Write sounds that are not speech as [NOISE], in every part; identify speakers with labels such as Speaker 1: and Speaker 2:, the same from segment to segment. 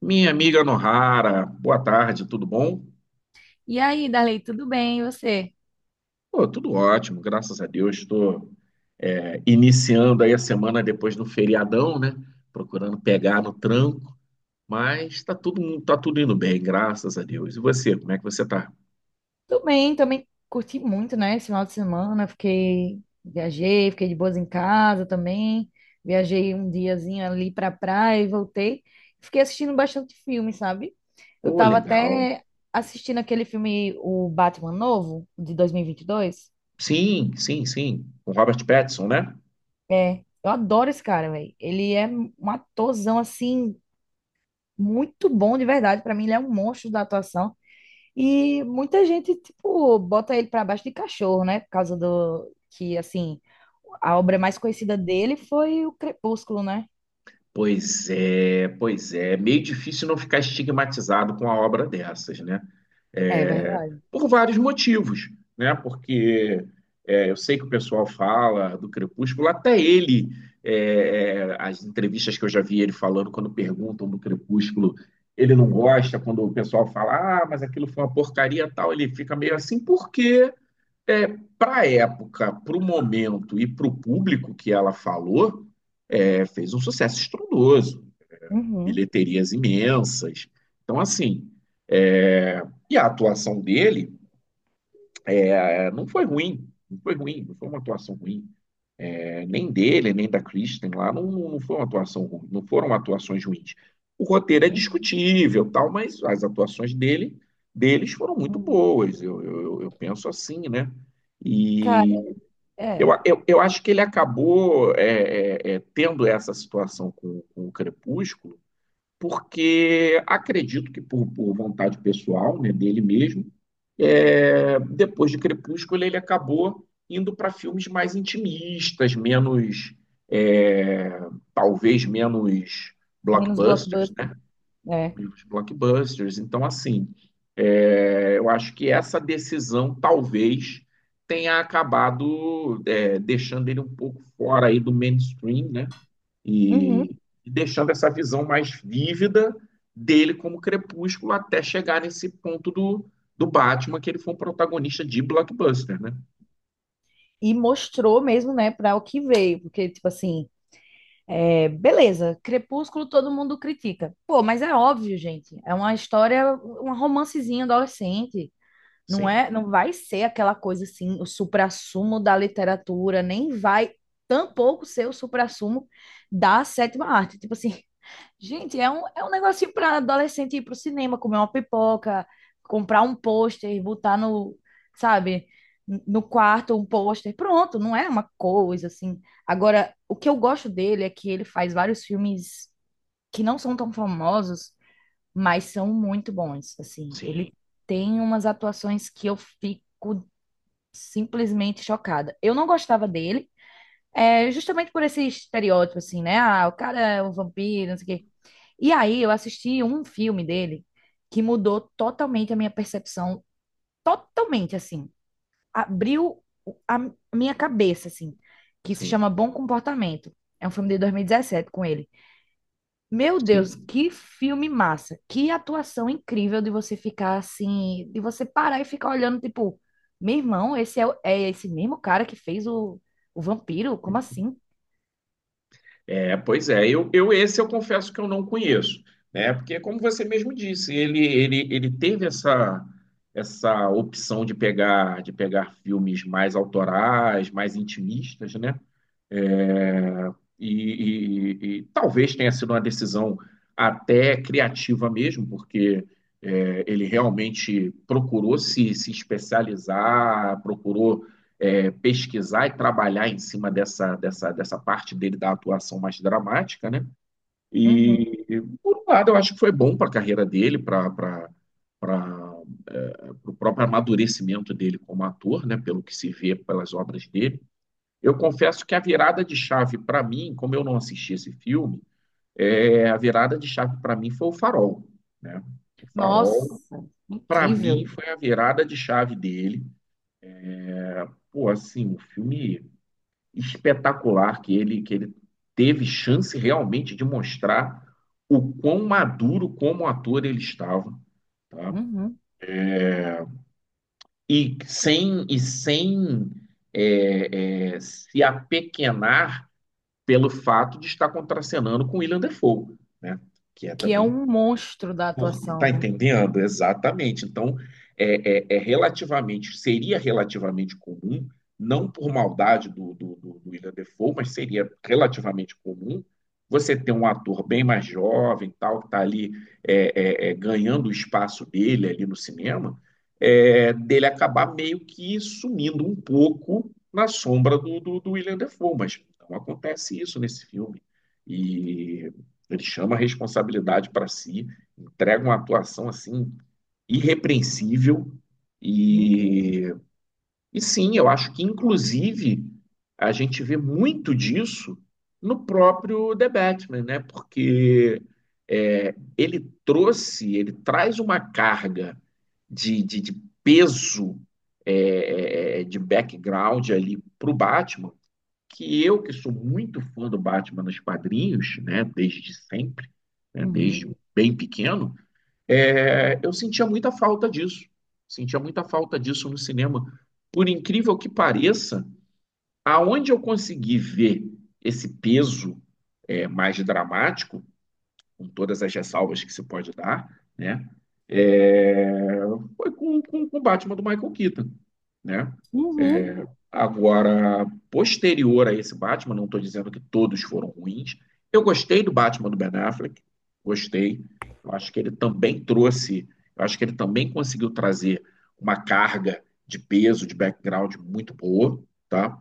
Speaker 1: Minha amiga Nohara, boa tarde, tudo bom?
Speaker 2: E aí, Darley, tudo bem? E você?
Speaker 1: Pô, tudo ótimo, graças a Deus. Estou iniciando aí a semana depois do feriadão, né? Procurando pegar no tranco, mas tá tudo indo bem, graças a Deus. E você, como é que você tá?
Speaker 2: Tudo bem, também curti muito, né? Esse final de semana, fiquei, viajei, fiquei de boas em casa também. Viajei um diazinho ali pra praia e voltei. Fiquei assistindo bastante filme, sabe? Eu
Speaker 1: Pô,
Speaker 2: tava
Speaker 1: legal.
Speaker 2: até assistindo aquele filme, o Batman novo, de 2022.
Speaker 1: Sim, sim, sim. Com Robert Pattinson, né?
Speaker 2: É, eu adoro esse cara, velho. Ele é um atorzão, assim, muito bom de verdade. Pra mim, ele é um monstro da atuação. E muita gente, tipo, bota ele para baixo de cachorro, né? Por causa do que, assim, a obra mais conhecida dele foi o Crepúsculo, né?
Speaker 1: Pois é, pois é. Meio difícil não ficar estigmatizado com a obra dessas, né?
Speaker 2: É
Speaker 1: É,
Speaker 2: verdade.
Speaker 1: por vários motivos, né? Porque eu sei que o pessoal fala do Crepúsculo, até ele, as entrevistas que eu já vi ele falando quando perguntam do Crepúsculo, ele não gosta, quando o pessoal fala, ah, mas aquilo foi uma porcaria e tal, ele fica meio assim, porque é, para a época, para o momento e para o público que ela falou, fez um sucesso estrondoso,
Speaker 2: Uhum,
Speaker 1: bilheterias imensas. Então, assim, é, e a atuação dele, não foi ruim, não foi uma atuação ruim. É, nem dele, nem da Kristen lá, não foi uma atuação ruim, não foram atuações ruins. O roteiro é
Speaker 2: uhum,
Speaker 1: discutível, tal, mas deles foram muito
Speaker 2: uhum.
Speaker 1: boas, eu penso assim, né?
Speaker 2: Cara,
Speaker 1: E
Speaker 2: é.
Speaker 1: eu acho que ele acabou tendo essa situação com o Crepúsculo, porque acredito que por vontade pessoal, né, dele mesmo, é, depois de Crepúsculo ele acabou indo para filmes mais intimistas, menos, é, talvez menos
Speaker 2: Menos
Speaker 1: blockbusters,
Speaker 2: blockbuster.
Speaker 1: né?
Speaker 2: É.
Speaker 1: E blockbusters. Então, assim, eu acho que essa decisão talvez tenha acabado deixando ele um pouco fora aí do mainstream, né?
Speaker 2: Uhum.
Speaker 1: E, e deixando essa visão mais vívida dele como Crepúsculo até chegar nesse ponto do Batman, que ele foi um protagonista de blockbuster, né?
Speaker 2: E mostrou mesmo, né, para o que veio. Porque, tipo assim, beleza, Crepúsculo todo mundo critica. Pô, mas é óbvio, gente. É uma história, um romancezinho adolescente. Não
Speaker 1: Sim,
Speaker 2: é, não vai ser aquela coisa assim, o suprassumo da literatura, nem vai tampouco ser o suprassumo da sétima arte. Tipo assim, [LAUGHS] gente, é um negocinho para adolescente ir pro cinema, comer uma pipoca, comprar um pôster, botar no, sabe, no quarto um pôster. Pronto, não é uma coisa assim. Agora, o que eu gosto dele é que ele faz vários filmes que não são tão famosos mas são muito bons, assim.
Speaker 1: sim,
Speaker 2: Ele tem umas atuações que eu fico simplesmente chocada. Eu não gostava dele, justamente por esse estereótipo, assim, né? Ah, o cara é um vampiro, não sei o quê. E aí eu assisti um filme dele que mudou totalmente a minha percepção, totalmente, assim. Abriu a minha cabeça, assim, que se chama
Speaker 1: sim,
Speaker 2: Bom Comportamento. É um filme de 2017 com ele. Meu Deus,
Speaker 1: sim.
Speaker 2: que filme massa. Que atuação incrível de você ficar assim, de você parar e ficar olhando, tipo, meu irmão, é esse mesmo cara que fez o vampiro? Como assim?
Speaker 1: É, pois é, eu esse eu confesso que eu não conheço, né? Porque como você mesmo disse, ele teve essa opção de pegar filmes mais autorais, mais intimistas, né? É. E, e talvez tenha sido uma decisão até criativa mesmo, porque ele realmente procurou se especializar, procurou pesquisar e trabalhar em cima dessa parte dele da atuação mais dramática, né?
Speaker 2: Uhum.
Speaker 1: E, por um lado, eu acho que foi bom para a carreira dele, para o próprio amadurecimento dele como ator, né? Pelo que se vê pelas obras dele. Eu confesso que a virada de chave para mim, como eu não assisti esse filme, é, a virada de chave para mim foi o Farol, né? O Farol,
Speaker 2: Nossa,
Speaker 1: para mim,
Speaker 2: incrível.
Speaker 1: foi a virada de chave dele. Pô, assim, um filme espetacular que ele teve chance realmente de mostrar o quão maduro como ator ele estava, tá?
Speaker 2: Uhum.
Speaker 1: E sem se apequenar pelo fato de estar contracenando com William Dafoe, né? Que é
Speaker 2: Que é
Speaker 1: também
Speaker 2: um monstro da
Speaker 1: por, tá
Speaker 2: atuação, né?
Speaker 1: entendendo? Exatamente. Então, é relativamente, seria relativamente comum, não por maldade do William Dafoe, mas seria relativamente comum você ter um ator bem mais jovem, tal, que está ali ganhando o espaço dele ali no cinema, é, dele acabar meio que sumindo um pouco na sombra do William Dafoe, mas não acontece isso nesse filme. E ele chama a responsabilidade para si, entrega uma atuação assim irrepreensível
Speaker 2: Uhum.
Speaker 1: e, e sim, eu acho que inclusive a gente vê muito disso no próprio The Batman, né? Porque ele trouxe, ele traz uma carga de peso, de background ali para o Batman, que eu, que sou muito fã do Batman nos quadrinhos, né? Desde sempre, né?
Speaker 2: Uhum.
Speaker 1: Desde bem pequeno, é, eu sentia muita falta disso. Sentia muita falta disso no cinema. Por incrível que pareça, aonde eu consegui ver esse peso mais dramático, com todas as ressalvas que se pode dar, né? É, foi com o Batman do Michael Keaton, né?
Speaker 2: Uhum.
Speaker 1: Agora, posterior a esse Batman, não estou dizendo que todos foram ruins. Eu gostei do Batman do Ben Affleck, gostei. Eu acho que ele também trouxe, eu acho que ele também conseguiu trazer uma carga de peso, de background muito boa, tá?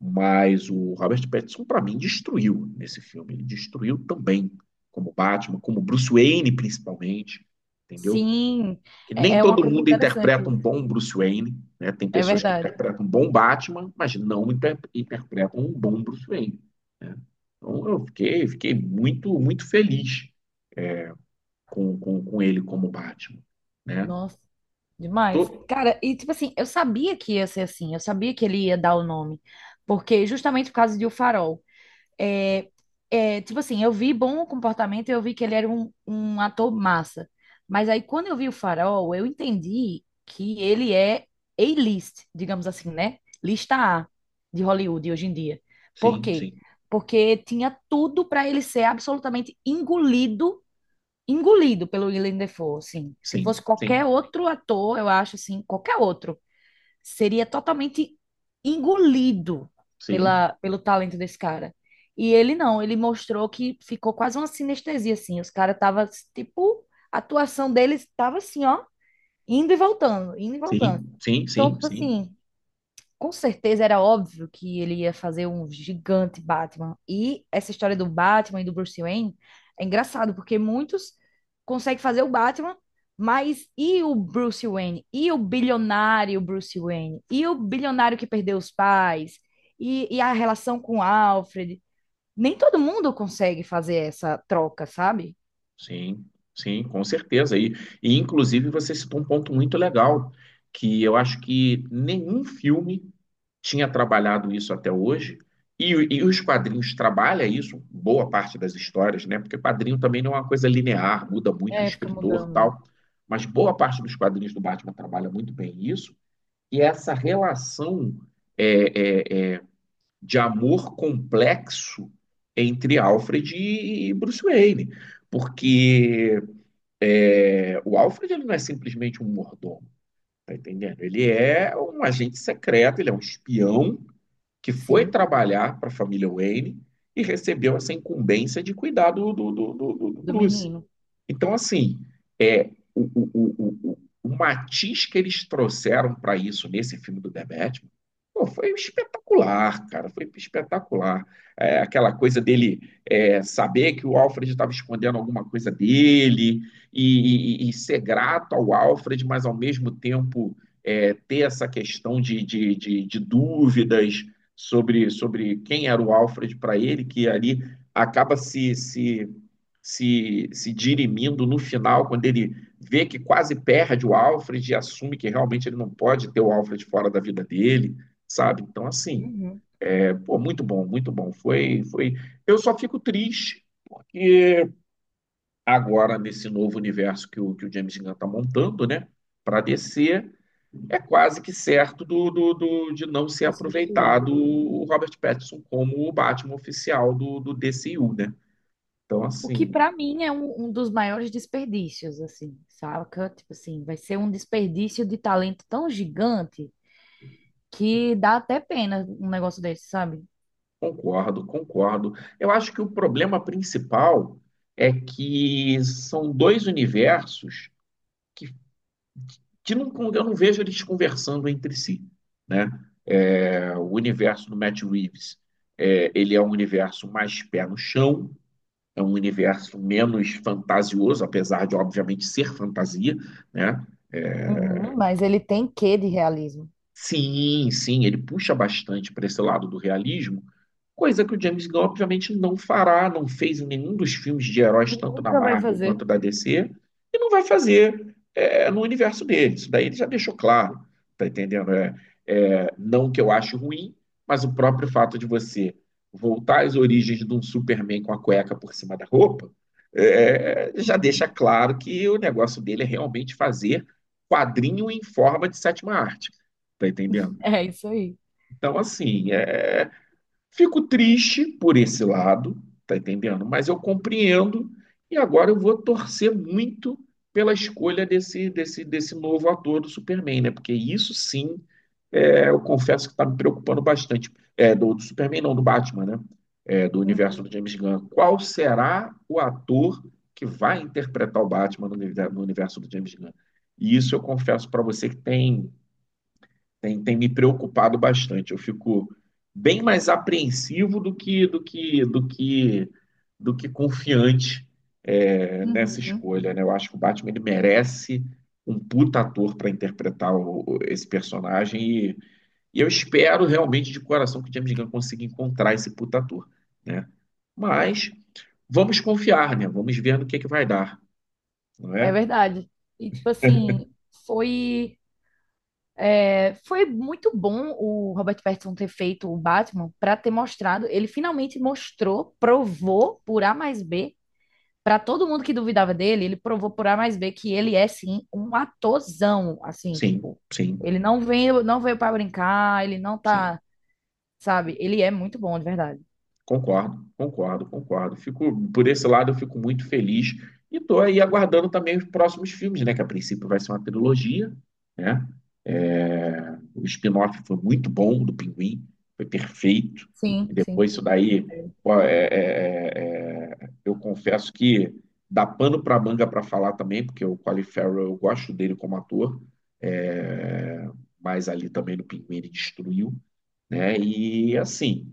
Speaker 1: Mas o Robert Pattinson, para mim, destruiu nesse filme. Ele destruiu também, como Batman, como Bruce Wayne, principalmente, entendeu?
Speaker 2: Sim,
Speaker 1: Que
Speaker 2: é,
Speaker 1: nem
Speaker 2: é uma
Speaker 1: todo
Speaker 2: coisa
Speaker 1: mundo interpreta um
Speaker 2: interessante.
Speaker 1: bom Bruce Wayne, né? Tem
Speaker 2: É
Speaker 1: pessoas que
Speaker 2: verdade.
Speaker 1: interpretam um bom Batman, mas não interpretam um bom Bruce Wayne. Então fiquei muito, muito feliz com ele como Batman, né?
Speaker 2: Nossa. Demais.
Speaker 1: Tô...
Speaker 2: Cara, e tipo assim, eu sabia que ia ser assim, eu sabia que ele ia dar o nome, porque justamente por causa de O Farol. É, é, tipo assim, eu vi bom comportamento, eu vi que ele era um ator massa. Mas aí quando eu vi O Farol, eu entendi que ele é A-list, digamos assim, né? Lista A de Hollywood hoje em dia. Por
Speaker 1: Sim,
Speaker 2: quê?
Speaker 1: sim,
Speaker 2: Porque tinha tudo para ele ser absolutamente engolido pelo Willem Dafoe, assim. Se
Speaker 1: sim,
Speaker 2: fosse
Speaker 1: sim,
Speaker 2: qualquer outro ator, eu acho assim, qualquer outro, seria totalmente engolido
Speaker 1: sim,
Speaker 2: pela, pelo talento desse cara. E ele não, ele mostrou que ficou quase uma sinestesia, assim. Os caras tava, tipo, a atuação deles tava assim, ó, indo e voltando, indo e voltando.
Speaker 1: sim, sim,
Speaker 2: Então,
Speaker 1: sim,
Speaker 2: tipo
Speaker 1: sim.
Speaker 2: assim, com certeza era óbvio que ele ia fazer um gigante Batman. E essa história do Batman e do Bruce Wayne é engraçado, porque muitos conseguem fazer o Batman, mas e o Bruce Wayne? E o bilionário Bruce Wayne? E o bilionário que perdeu os pais? E a relação com o Alfred? Nem todo mundo consegue fazer essa troca, sabe?
Speaker 1: Sim, sim, com certeza. E inclusive você citou um ponto muito legal, que eu acho que nenhum filme tinha trabalhado isso até hoje, e, e os quadrinhos trabalham isso, boa parte das histórias, né? Porque quadrinho também não é uma coisa linear, muda muito o
Speaker 2: É, fica
Speaker 1: escritor,
Speaker 2: mudando.
Speaker 1: tal. Mas boa parte dos quadrinhos do Batman trabalha muito bem isso, e essa relação é, é, é, de amor complexo entre Alfred e Bruce Wayne, porque é, o Alfred ele não é simplesmente um mordomo, tá entendendo? Ele é um agente secreto, ele é um espião que foi
Speaker 2: Sim,
Speaker 1: trabalhar para a família Wayne e recebeu essa incumbência de cuidar do
Speaker 2: do
Speaker 1: Bruce.
Speaker 2: menino.
Speaker 1: Então, assim, é, o, o, o, o matiz que eles trouxeram para isso nesse filme do The Batman, pô, foi espetacular, cara, foi espetacular. É, aquela coisa dele saber que o Alfred estava escondendo alguma coisa dele e, e ser grato ao Alfred, mas ao mesmo tempo ter essa questão de dúvidas sobre quem era o Alfred para ele, que ali acaba se, se se, se dirimindo no final, quando ele vê que quase perde o Alfred e assume que realmente ele não pode ter o Alfred fora da vida dele, sabe? Então, assim,
Speaker 2: Uhum.
Speaker 1: é, pô, muito bom, muito bom. Foi, foi. Eu só fico triste, porque agora, nesse novo universo que o James Gunn está montando, né? Para descer, é quase que certo de não ser
Speaker 2: Foi substituído.
Speaker 1: aproveitado o Robert Pattinson como o Batman oficial do DCU, né? Então,
Speaker 2: O que
Speaker 1: assim,
Speaker 2: para mim é um dos maiores desperdícios, assim, saca? Tipo assim, vai ser um desperdício de talento tão gigante que dá até pena um negócio desse, sabe?
Speaker 1: concordo, concordo. Eu acho que o problema principal é que são dois universos que, que não, eu não vejo eles conversando entre si, né? É, o universo do Matt Reeves, é, ele é um universo mais pé no chão, é um universo menos fantasioso, apesar de, obviamente, ser fantasia, né?
Speaker 2: Uhum, mas ele tem quê de realismo?
Speaker 1: Sim, sim, ele puxa bastante para esse lado do realismo, coisa que o James Gunn obviamente não fará, não fez em nenhum dos filmes de
Speaker 2: E
Speaker 1: heróis, tanto da
Speaker 2: nunca vai
Speaker 1: Marvel
Speaker 2: fazer.
Speaker 1: quanto da DC, e não vai fazer no universo dele. Isso daí ele já deixou claro, tá entendendo? Não que eu acho ruim, mas o próprio fato de você voltar às origens de um Superman com a cueca por cima da roupa, já deixa
Speaker 2: [LAUGHS]
Speaker 1: claro que o negócio dele é realmente fazer quadrinho em forma de sétima arte. Tá entendendo?
Speaker 2: É isso aí.
Speaker 1: Então, assim, é, fico triste por esse lado, tá entendendo? Mas eu compreendo e agora eu vou torcer muito pela escolha desse novo ator do Superman, né? Porque isso sim, é, eu confesso que tá me preocupando bastante. É, do Superman, não, do Batman, né? É, do
Speaker 2: Uhum.
Speaker 1: universo do James Gunn. Qual será o ator que vai interpretar o Batman no, no universo do James Gunn? E isso eu confesso para você que tem tem me preocupado bastante. Eu fico bem mais apreensivo do que confiante nessa
Speaker 2: Uhum.
Speaker 1: escolha, né? Eu acho que o Batman ele merece um puta ator para interpretar esse personagem e eu espero realmente de coração que o James Gunn consiga encontrar esse puta ator, né? Mas vamos confiar, né? Vamos ver no que é que vai dar, não
Speaker 2: É
Speaker 1: é?
Speaker 2: verdade. E tipo assim, foi foi muito bom o Robert Pattinson ter feito o Batman para ter mostrado, ele finalmente mostrou, provou por A mais B. Para todo mundo que duvidava dele, ele provou por A mais B que ele é sim um atorzão, assim,
Speaker 1: Sim,
Speaker 2: tipo,
Speaker 1: sim,
Speaker 2: ele não veio para brincar, ele não
Speaker 1: sim.
Speaker 2: tá, sabe? Ele é muito bom, de verdade.
Speaker 1: Concordo, concordo, concordo. Fico, por esse lado, eu fico muito feliz e estou aí aguardando também os próximos filmes, né? Que a princípio vai ser uma trilogia, né? É, o spin-off foi muito bom do Pinguim, foi perfeito. E
Speaker 2: Sim,
Speaker 1: depois
Speaker 2: sim.
Speaker 1: isso daí, pô, eu confesso que dá pano para manga para falar também, porque o Colin Farrell, eu gosto dele como ator, é, mas ali também no Pinguim ele destruiu, né? E assim.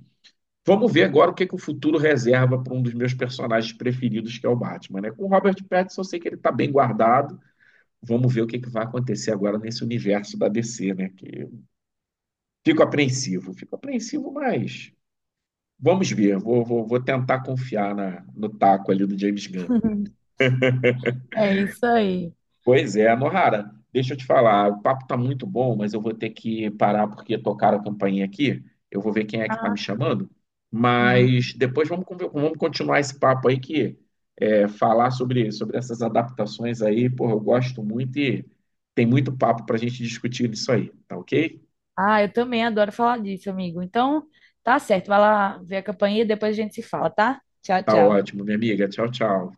Speaker 1: Vamos ver agora que o futuro reserva para um dos meus personagens preferidos, que é o Batman, né? Com o Robert Pattinson, eu sei que ele está bem guardado. Vamos ver que vai acontecer agora nesse universo da DC, né? Que fico apreensivo, mas vamos ver. Vou tentar confiar na, no taco ali do James Gunn.
Speaker 2: [LAUGHS] É isso aí.
Speaker 1: Pois é, Nohara, deixa eu te falar, o papo tá muito bom, mas eu vou ter que parar porque tocaram a campainha aqui. Eu vou ver quem é que tá me
Speaker 2: Ah,
Speaker 1: chamando,
Speaker 2: uhum.
Speaker 1: mas depois vamos, vamos continuar esse papo aí que falar sobre essas adaptações aí, pô, eu gosto muito e tem muito papo pra gente discutir nisso aí, tá ok?
Speaker 2: Ah, eu também adoro falar disso, amigo. Então, tá certo, vai lá ver a campanha e depois a gente se fala, tá? Tchau,
Speaker 1: Tá
Speaker 2: tchau.
Speaker 1: ótimo, minha amiga. Tchau, tchau.